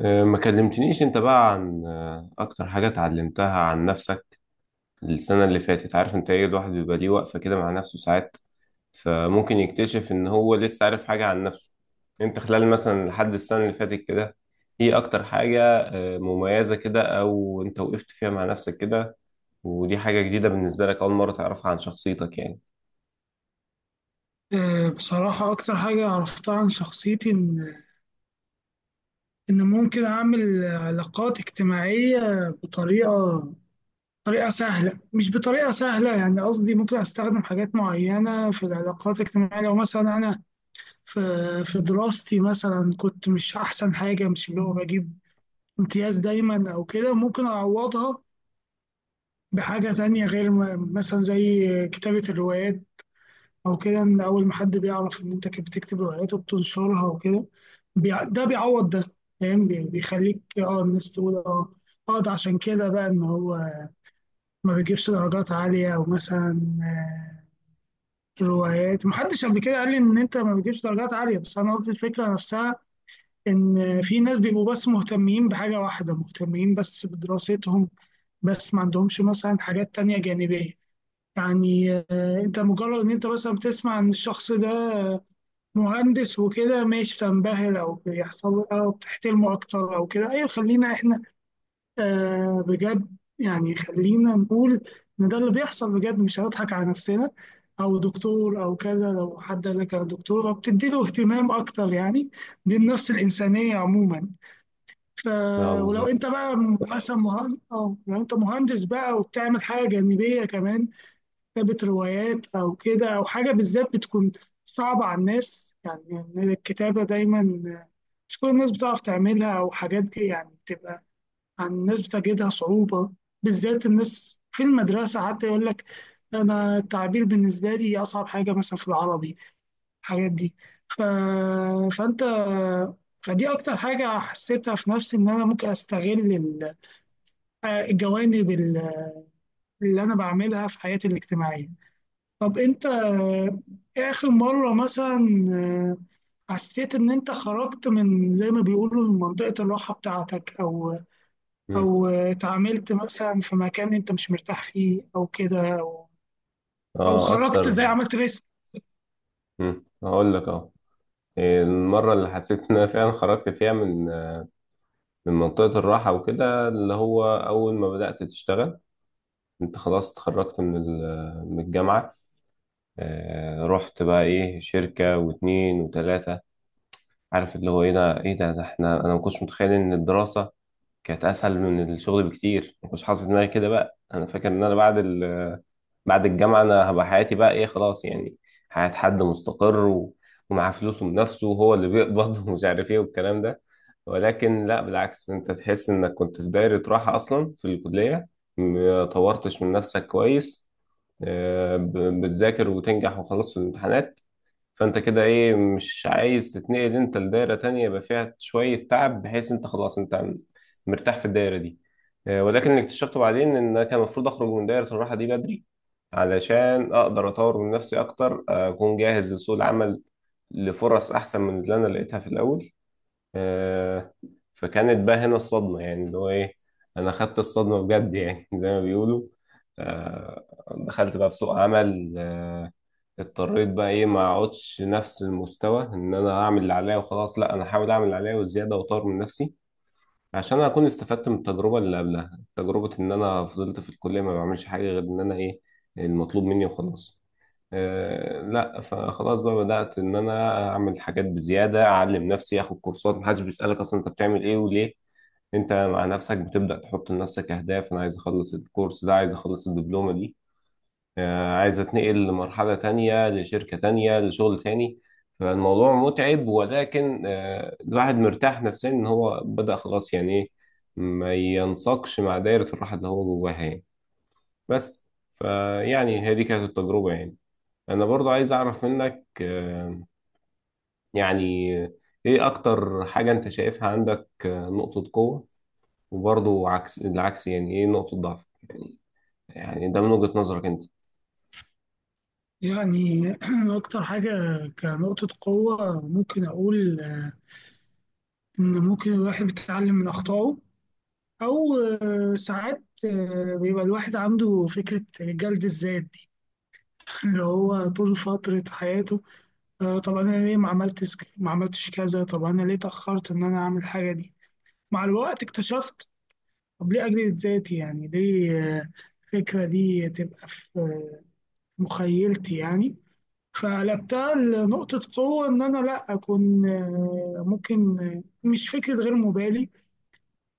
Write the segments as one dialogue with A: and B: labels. A: ما كلمتنيش انت بقى عن اكتر حاجة اتعلمتها عن نفسك السنة اللي فاتت. عارف انت ايه؟ الواحد بيبقى ليه وقفة كده مع نفسه ساعات، فممكن يكتشف ان هو لسه عارف حاجة عن نفسه. انت خلال مثلا لحد السنة اللي فاتت كده، ايه اكتر حاجة مميزة كده او انت وقفت فيها مع نفسك كده؟ ودي حاجة جديدة بالنسبة لك، اول مرة تعرفها عن شخصيتك يعني.
B: بصراحة أكتر حاجة عرفتها عن شخصيتي إن ممكن أعمل علاقات اجتماعية بطريقة سهلة، مش بطريقة سهلة، يعني قصدي ممكن أستخدم حاجات معينة في العلاقات الاجتماعية، لو مثلا أنا في في دراستي مثلا كنت مش أحسن حاجة، مش اللي هو بجيب امتياز دايما أو كده، ممكن أعوضها بحاجة تانية غير مثلا زي كتابة الروايات او كده. ان اول ما حد بيعرف ان انت كنت بتكتب روايات وبتنشرها وكده، ده بيعوض ده، فاهم؟ بيخليك الناس تقول اه ده عشان كده بقى، ان هو ما بيجيبش درجات عالية او مثلا آه، روايات. محدش قبل كده قال لي ان انت ما بتجيبش درجات عالية، بس انا قصدي الفكرة نفسها، ان في ناس بيبقوا بس مهتمين بحاجة واحدة، مهتمين بس بدراستهم، بس ما عندهمش مثلا حاجات تانية جانبية. يعني آه، انت مجرد ان انت مثلا بتسمع ان الشخص ده مهندس وكده ماشي، بتنبهر او بيحصل او بتحترمه اكتر او كده. ايوه خلينا احنا بجد يعني، خلينا نقول ان ده اللي بيحصل بجد، مش هنضحك على نفسنا. او دكتور او كذا، لو حد قال لك انا دكتوره بتدي له اهتمام اكتر يعني، دي النفس الانسانيه عموما. ف
A: اه،
B: ولو انت
A: بالظبط.
B: بقى مثلا مهندس، او لو انت مهندس بقى وبتعمل حاجه جانبيه كمان، كتابة روايات أو كده، أو حاجة بالذات بتكون صعبة على الناس يعني. يعني الكتابة دايما مش كل الناس بتعرف تعملها، أو حاجات دي يعني بتبقى عن الناس بتجدها صعوبة. بالذات الناس في المدرسة حتى يقول لك أنا التعبير بالنسبة لي أصعب حاجة مثلا في العربي، الحاجات دي. ف... فأنت, فدي أكتر حاجة حسيتها في نفسي، إن أنا ممكن أستغل الجوانب اللي أنا بعملها في حياتي الاجتماعية. طب انت ايه اخر مرة مثلا آه، حسيت ان انت خرجت، من زي ما بيقولوا، من منطقة الراحة بتاعتك، او
A: مم.
B: اتعاملت مثلا في مكان انت مش مرتاح فيه او كده، او او
A: اه
B: خرجت زي
A: اكتر.
B: عملت ريسك؟
A: مم. هقول لك اه، المرة اللي حسيت إن أنا فعلا خرجت فيها من منطقة الراحة وكده اللي هو أول ما بدأت تشتغل. أنت خلاص اتخرجت من من الجامعة. رحت بقى إيه؟ شركة واتنين وتلاتة. عارف اللي هو إيه ده إيه ده إحنا، أنا ما كنتش متخيل إن الدراسة كانت أسهل من الشغل بكتير. ما كنتش حاطط في دماغي كده. بقى أنا فاكر إن أنا بعد بعد الجامعة أنا هبقى حياتي بقى إيه؟ خلاص يعني حياة حد مستقر ومعاه فلوسه بنفسه وهو اللي بيقبض ومش عارف إيه والكلام ده. ولكن لا، بالعكس، أنت تحس إنك كنت في دايرة راحة أصلا في الكلية، ما طورتش من نفسك كويس. آه، ب- بتذاكر وتنجح وخلاص في الامتحانات. فانت كده ايه؟ مش عايز تتنقل انت لدايره تانية يبقى فيها شويه تعب، بحيث انت خلاص انت مرتاح في الدايره دي. ولكن اللي اكتشفته بعدين ان انا كان المفروض اخرج من دايره الراحه دي بدري علشان اقدر اطور من نفسي اكتر، اكون جاهز لسوق العمل لفرص احسن من اللي انا لقيتها في الاول. آه، فكانت بقى هنا الصدمه يعني اللي هو ايه، انا خدت الصدمه بجد يعني زي ما بيقولوا. آه، دخلت بقى في سوق عمل، اضطريت بقى ايه؟ ما اقعدش نفس المستوى ان انا اعمل اللي عليا وخلاص. لا، انا هحاول اعمل اللي عليا وزياده واطور من نفسي عشان اكون استفدت من التجربه اللي قبلها، تجربه ان انا فضلت في الكليه ما بعملش حاجه غير ان انا ايه؟ المطلوب مني وخلاص. آه لا، فخلاص بقى بدات ان انا اعمل حاجات بزياده، اعلم نفسي، اخد كورسات. محدش بيسالك اصلا انت بتعمل ايه وليه، انت مع نفسك بتبدا تحط لنفسك اهداف. انا عايز اخلص الكورس ده، عايز اخلص الدبلومه دي، عايز اتنقل لمرحلة تانية لشركة تانية لشغل تاني. فالموضوع متعب ولكن الواحد مرتاح نفسيا ان هو بدأ خلاص، يعني ايه ما ينساقش مع دايرة الراحة اللي هو جواها يعني. بس فيعني هذه كانت التجربة يعني. انا برضو عايز اعرف منك يعني ايه اكتر حاجة انت شايفها عندك نقطة قوة؟ وبرضو عكس العكس، يعني ايه نقطة ضعف؟ يعني ده من وجهة نظرك انت.
B: يعني اكتر حاجة كنقطة قوة ممكن اقول ان ممكن الواحد بيتعلم من اخطائه. او آه، ساعات بيبقى الواحد عنده فكرة جلد الذات دي اللي هو طول فترة حياته طب انا ليه ما عملتش كذا، طب انا ليه اتاخرت ان انا اعمل الحاجه دي. مع الوقت اكتشفت طب ليه اجلد ذاتي يعني، ليه آه، الفكره دي تبقى في مخيلتي يعني. فقلبتها لنقطه قوه، ان انا لا اكون آه، ممكن آه، مش فكره غير مبالي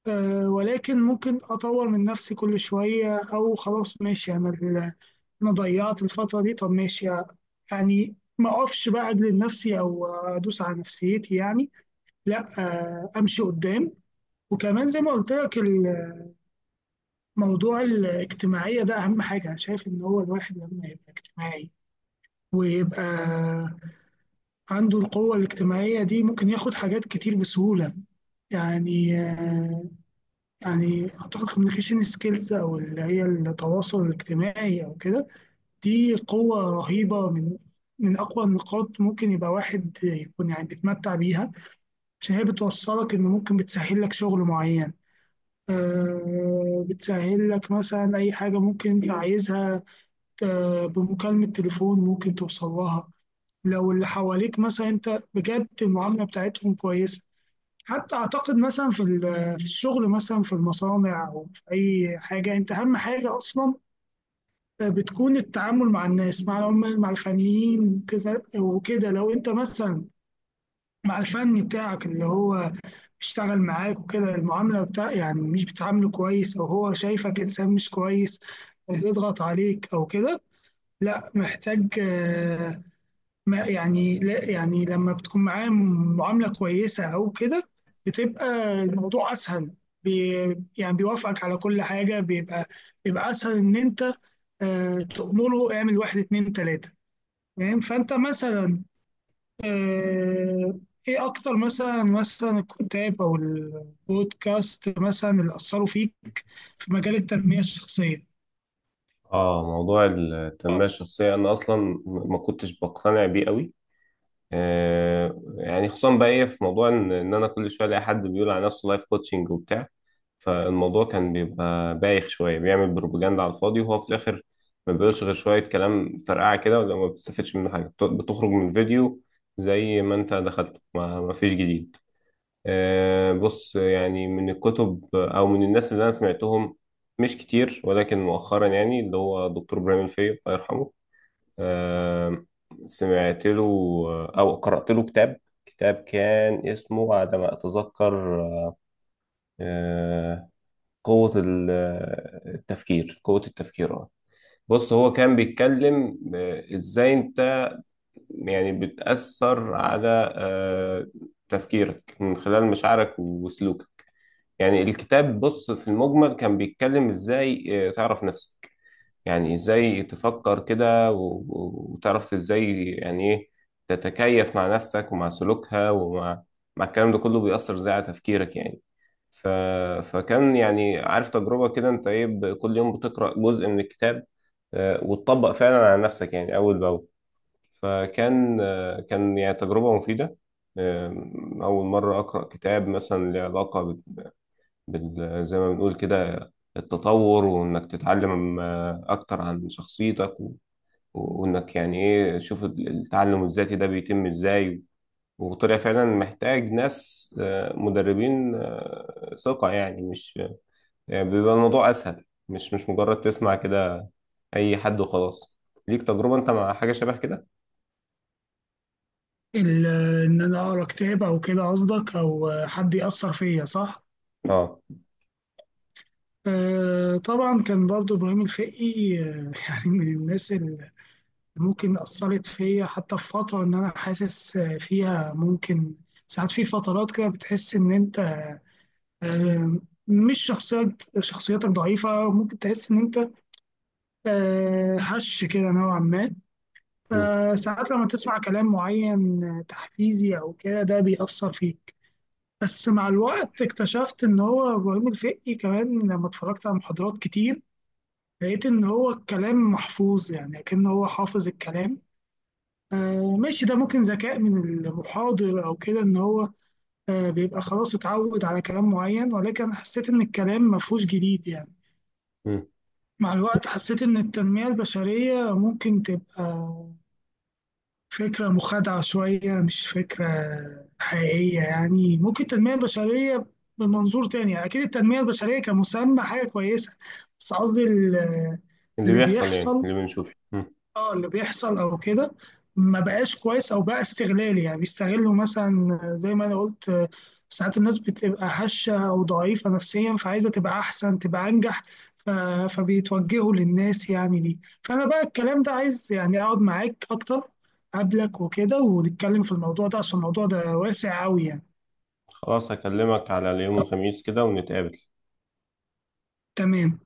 B: ولكن ممكن أطور من نفسي كل شوية، أو خلاص ماشي، أنا ضيعت الفترة دي، طب ماشي يعني، ما أقفش بقى أجلد نفسي أو أدوس على نفسيتي يعني، لا أمشي قدام. وكمان زي ما قلت لك، الموضوع الاجتماعية ده أهم حاجة أنا شايف، إن هو الواحد لما يبقى اجتماعي ويبقى عنده القوة الاجتماعية دي، ممكن ياخد حاجات كتير بسهولة. يعني آه، يعني اعتقد communication skills، او اللي هي التواصل الاجتماعي او كده، دي قوة رهيبة، من اقوى النقاط ممكن يبقى واحد يكون يعني بيتمتع بيها. عشان هي بتوصلك، ان ممكن بتسهل لك شغل معين بتسهل لك مثلا اي حاجة ممكن انت عايزها بمكالمة تليفون ممكن توصل لها، لو اللي حواليك مثلا انت بجد المعاملة بتاعتهم كويسة. حتى اعتقد مثلا في الشغل مثلا، في المصانع او في اي حاجه، انت اهم حاجه اصلا بتكون التعامل مع الناس، مع العمال مع الفنيين وكذا وكده. لو انت مثلا مع الفني بتاعك اللي هو بيشتغل معاك وكده، المعامله بتاع يعني مش بتعامله كويس، او هو شايفك انسان مش كويس بيضغط عليك او كده، لا محتاج. ما يعني لا يعني لما بتكون معاه معاملة كويسة أو كده، بتبقى الموضوع أسهل، بي يعني بيوافقك على كل حاجة، بيبقى أسهل إن أنت تأمره اعمل واحد اتنين تلاتة. فاهم؟ فأنت مثلا آه، إيه أكتر مثلا الكتاب أو البودكاست مثلا اللي أثروا فيك في مجال التنمية الشخصية؟
A: اه، موضوع التنمية الشخصية أنا أصلا ما كنتش بقتنع بيه قوي. آه يعني خصوصا بقى إيه في موضوع إن أنا كل شوية ألاقي حد بيقول على نفسه لايف كوتشنج وبتاع، فالموضوع كان بيبقى بايخ شوية، بيعمل بروباجندا على الفاضي وهو في الآخر ما بيقولش غير شوية كلام فرقعة كده، ولا ما بتستفدش منه حاجة. بتخرج من الفيديو زي ما أنت دخلته، ما فيش جديد. بص، يعني من الكتب او من الناس اللي انا سمعتهم مش كتير، ولكن مؤخرا يعني اللي هو دكتور ابراهيم الفقي الله يرحمه. آه، سمعت له او قرأت له كتاب. كتاب كان اسمه على ما اتذكر آه، قوة التفكير. قوة التفكير، اه. بص، هو كان بيتكلم ازاي انت يعني بتأثر على آه، تفكيرك من خلال مشاعرك وسلوكك. يعني الكتاب، بص، في المجمل كان بيتكلم ازاي تعرف نفسك، يعني ازاي تفكر كده وتعرف ازاي يعني ايه تتكيف مع نفسك ومع سلوكها ومع مع الكلام ده كله بيأثر ازاي على تفكيرك يعني. ف... فكان يعني، عارف، تجربة كده. انت ايه؟ كل يوم بتقرأ جزء من الكتاب، وتطبق فعلا على نفسك يعني أول بأول. فكان كان يعني تجربة مفيدة. آه، أول مرة أقرأ كتاب مثلا له علاقة زي ما بنقول كده التطور، وإنك تتعلم أكتر عن شخصيتك وإنك يعني إيه تشوف التعلم الذاتي ده بيتم إزاي. وطلع فعلا محتاج ناس مدربين ثقة، يعني مش يعني بيبقى الموضوع أسهل. مش مجرد تسمع كده أي حد وخلاص. ليك تجربة أنت مع حاجة شبه كده؟
B: ال- إن أنا أقرأ كتاب أو كده قصدك، أو آه، حد يأثر فيا، صح؟
A: اه.
B: طبعا كان برضو إبراهيم الفقي يعني من الناس اللي ممكن أثرت فيا، حتى في فترة إن أنا حاسس فيها ممكن ساعات، في فترات كده بتحس إن أنت آه، مش شخصيات شخصيتك ضعيفة، ممكن تحس إن أنت هش كده نوعا ما،
A: مم.
B: فساعات لما تسمع كلام معين تحفيزي أو كده ده بيأثر فيك. بس مع الوقت اكتشفت إن هو إبراهيم الفقي كمان لما اتفرجت على محاضرات كتير، لقيت إن هو الكلام محفوظ يعني، كأن هو حافظ الكلام. آه ماشي، ده ممكن ذكاء من المحاضر أو كده، إن هو بيبقى خلاص اتعود على كلام معين، ولكن أنا حسيت إن الكلام مفهوش جديد يعني.
A: مم.
B: مع الوقت حسيت إن التنمية البشرية ممكن تبقى فكرة مخادعة شوية، مش فكرة حقيقية يعني. ممكن التنمية البشرية بمنظور تاني يعني، أكيد التنمية البشرية كمسمى حاجة كويسة، بس قصدي
A: اللي
B: اللي
A: بيحصل يعني
B: بيحصل،
A: اللي بنشوفه. مم.
B: اه اللي بيحصل او كده ما بقاش كويس، او بقى استغلالي يعني. بيستغلوا مثلا، زي ما انا قلت ساعات الناس بتبقى هشة او ضعيفة نفسيا، فعايزة تبقى احسن تبقى انجح، ف- فبيتوجهوا للناس يعني دي. فانا بقى الكلام ده، عايز يعني اقعد معاك اكتر قبلك وكده، ونتكلم في الموضوع ده عشان الموضوع ده واسع قوي يعني.
A: خلاص، هكلمك على اليوم الخميس كده ونتقابل.
B: تمام.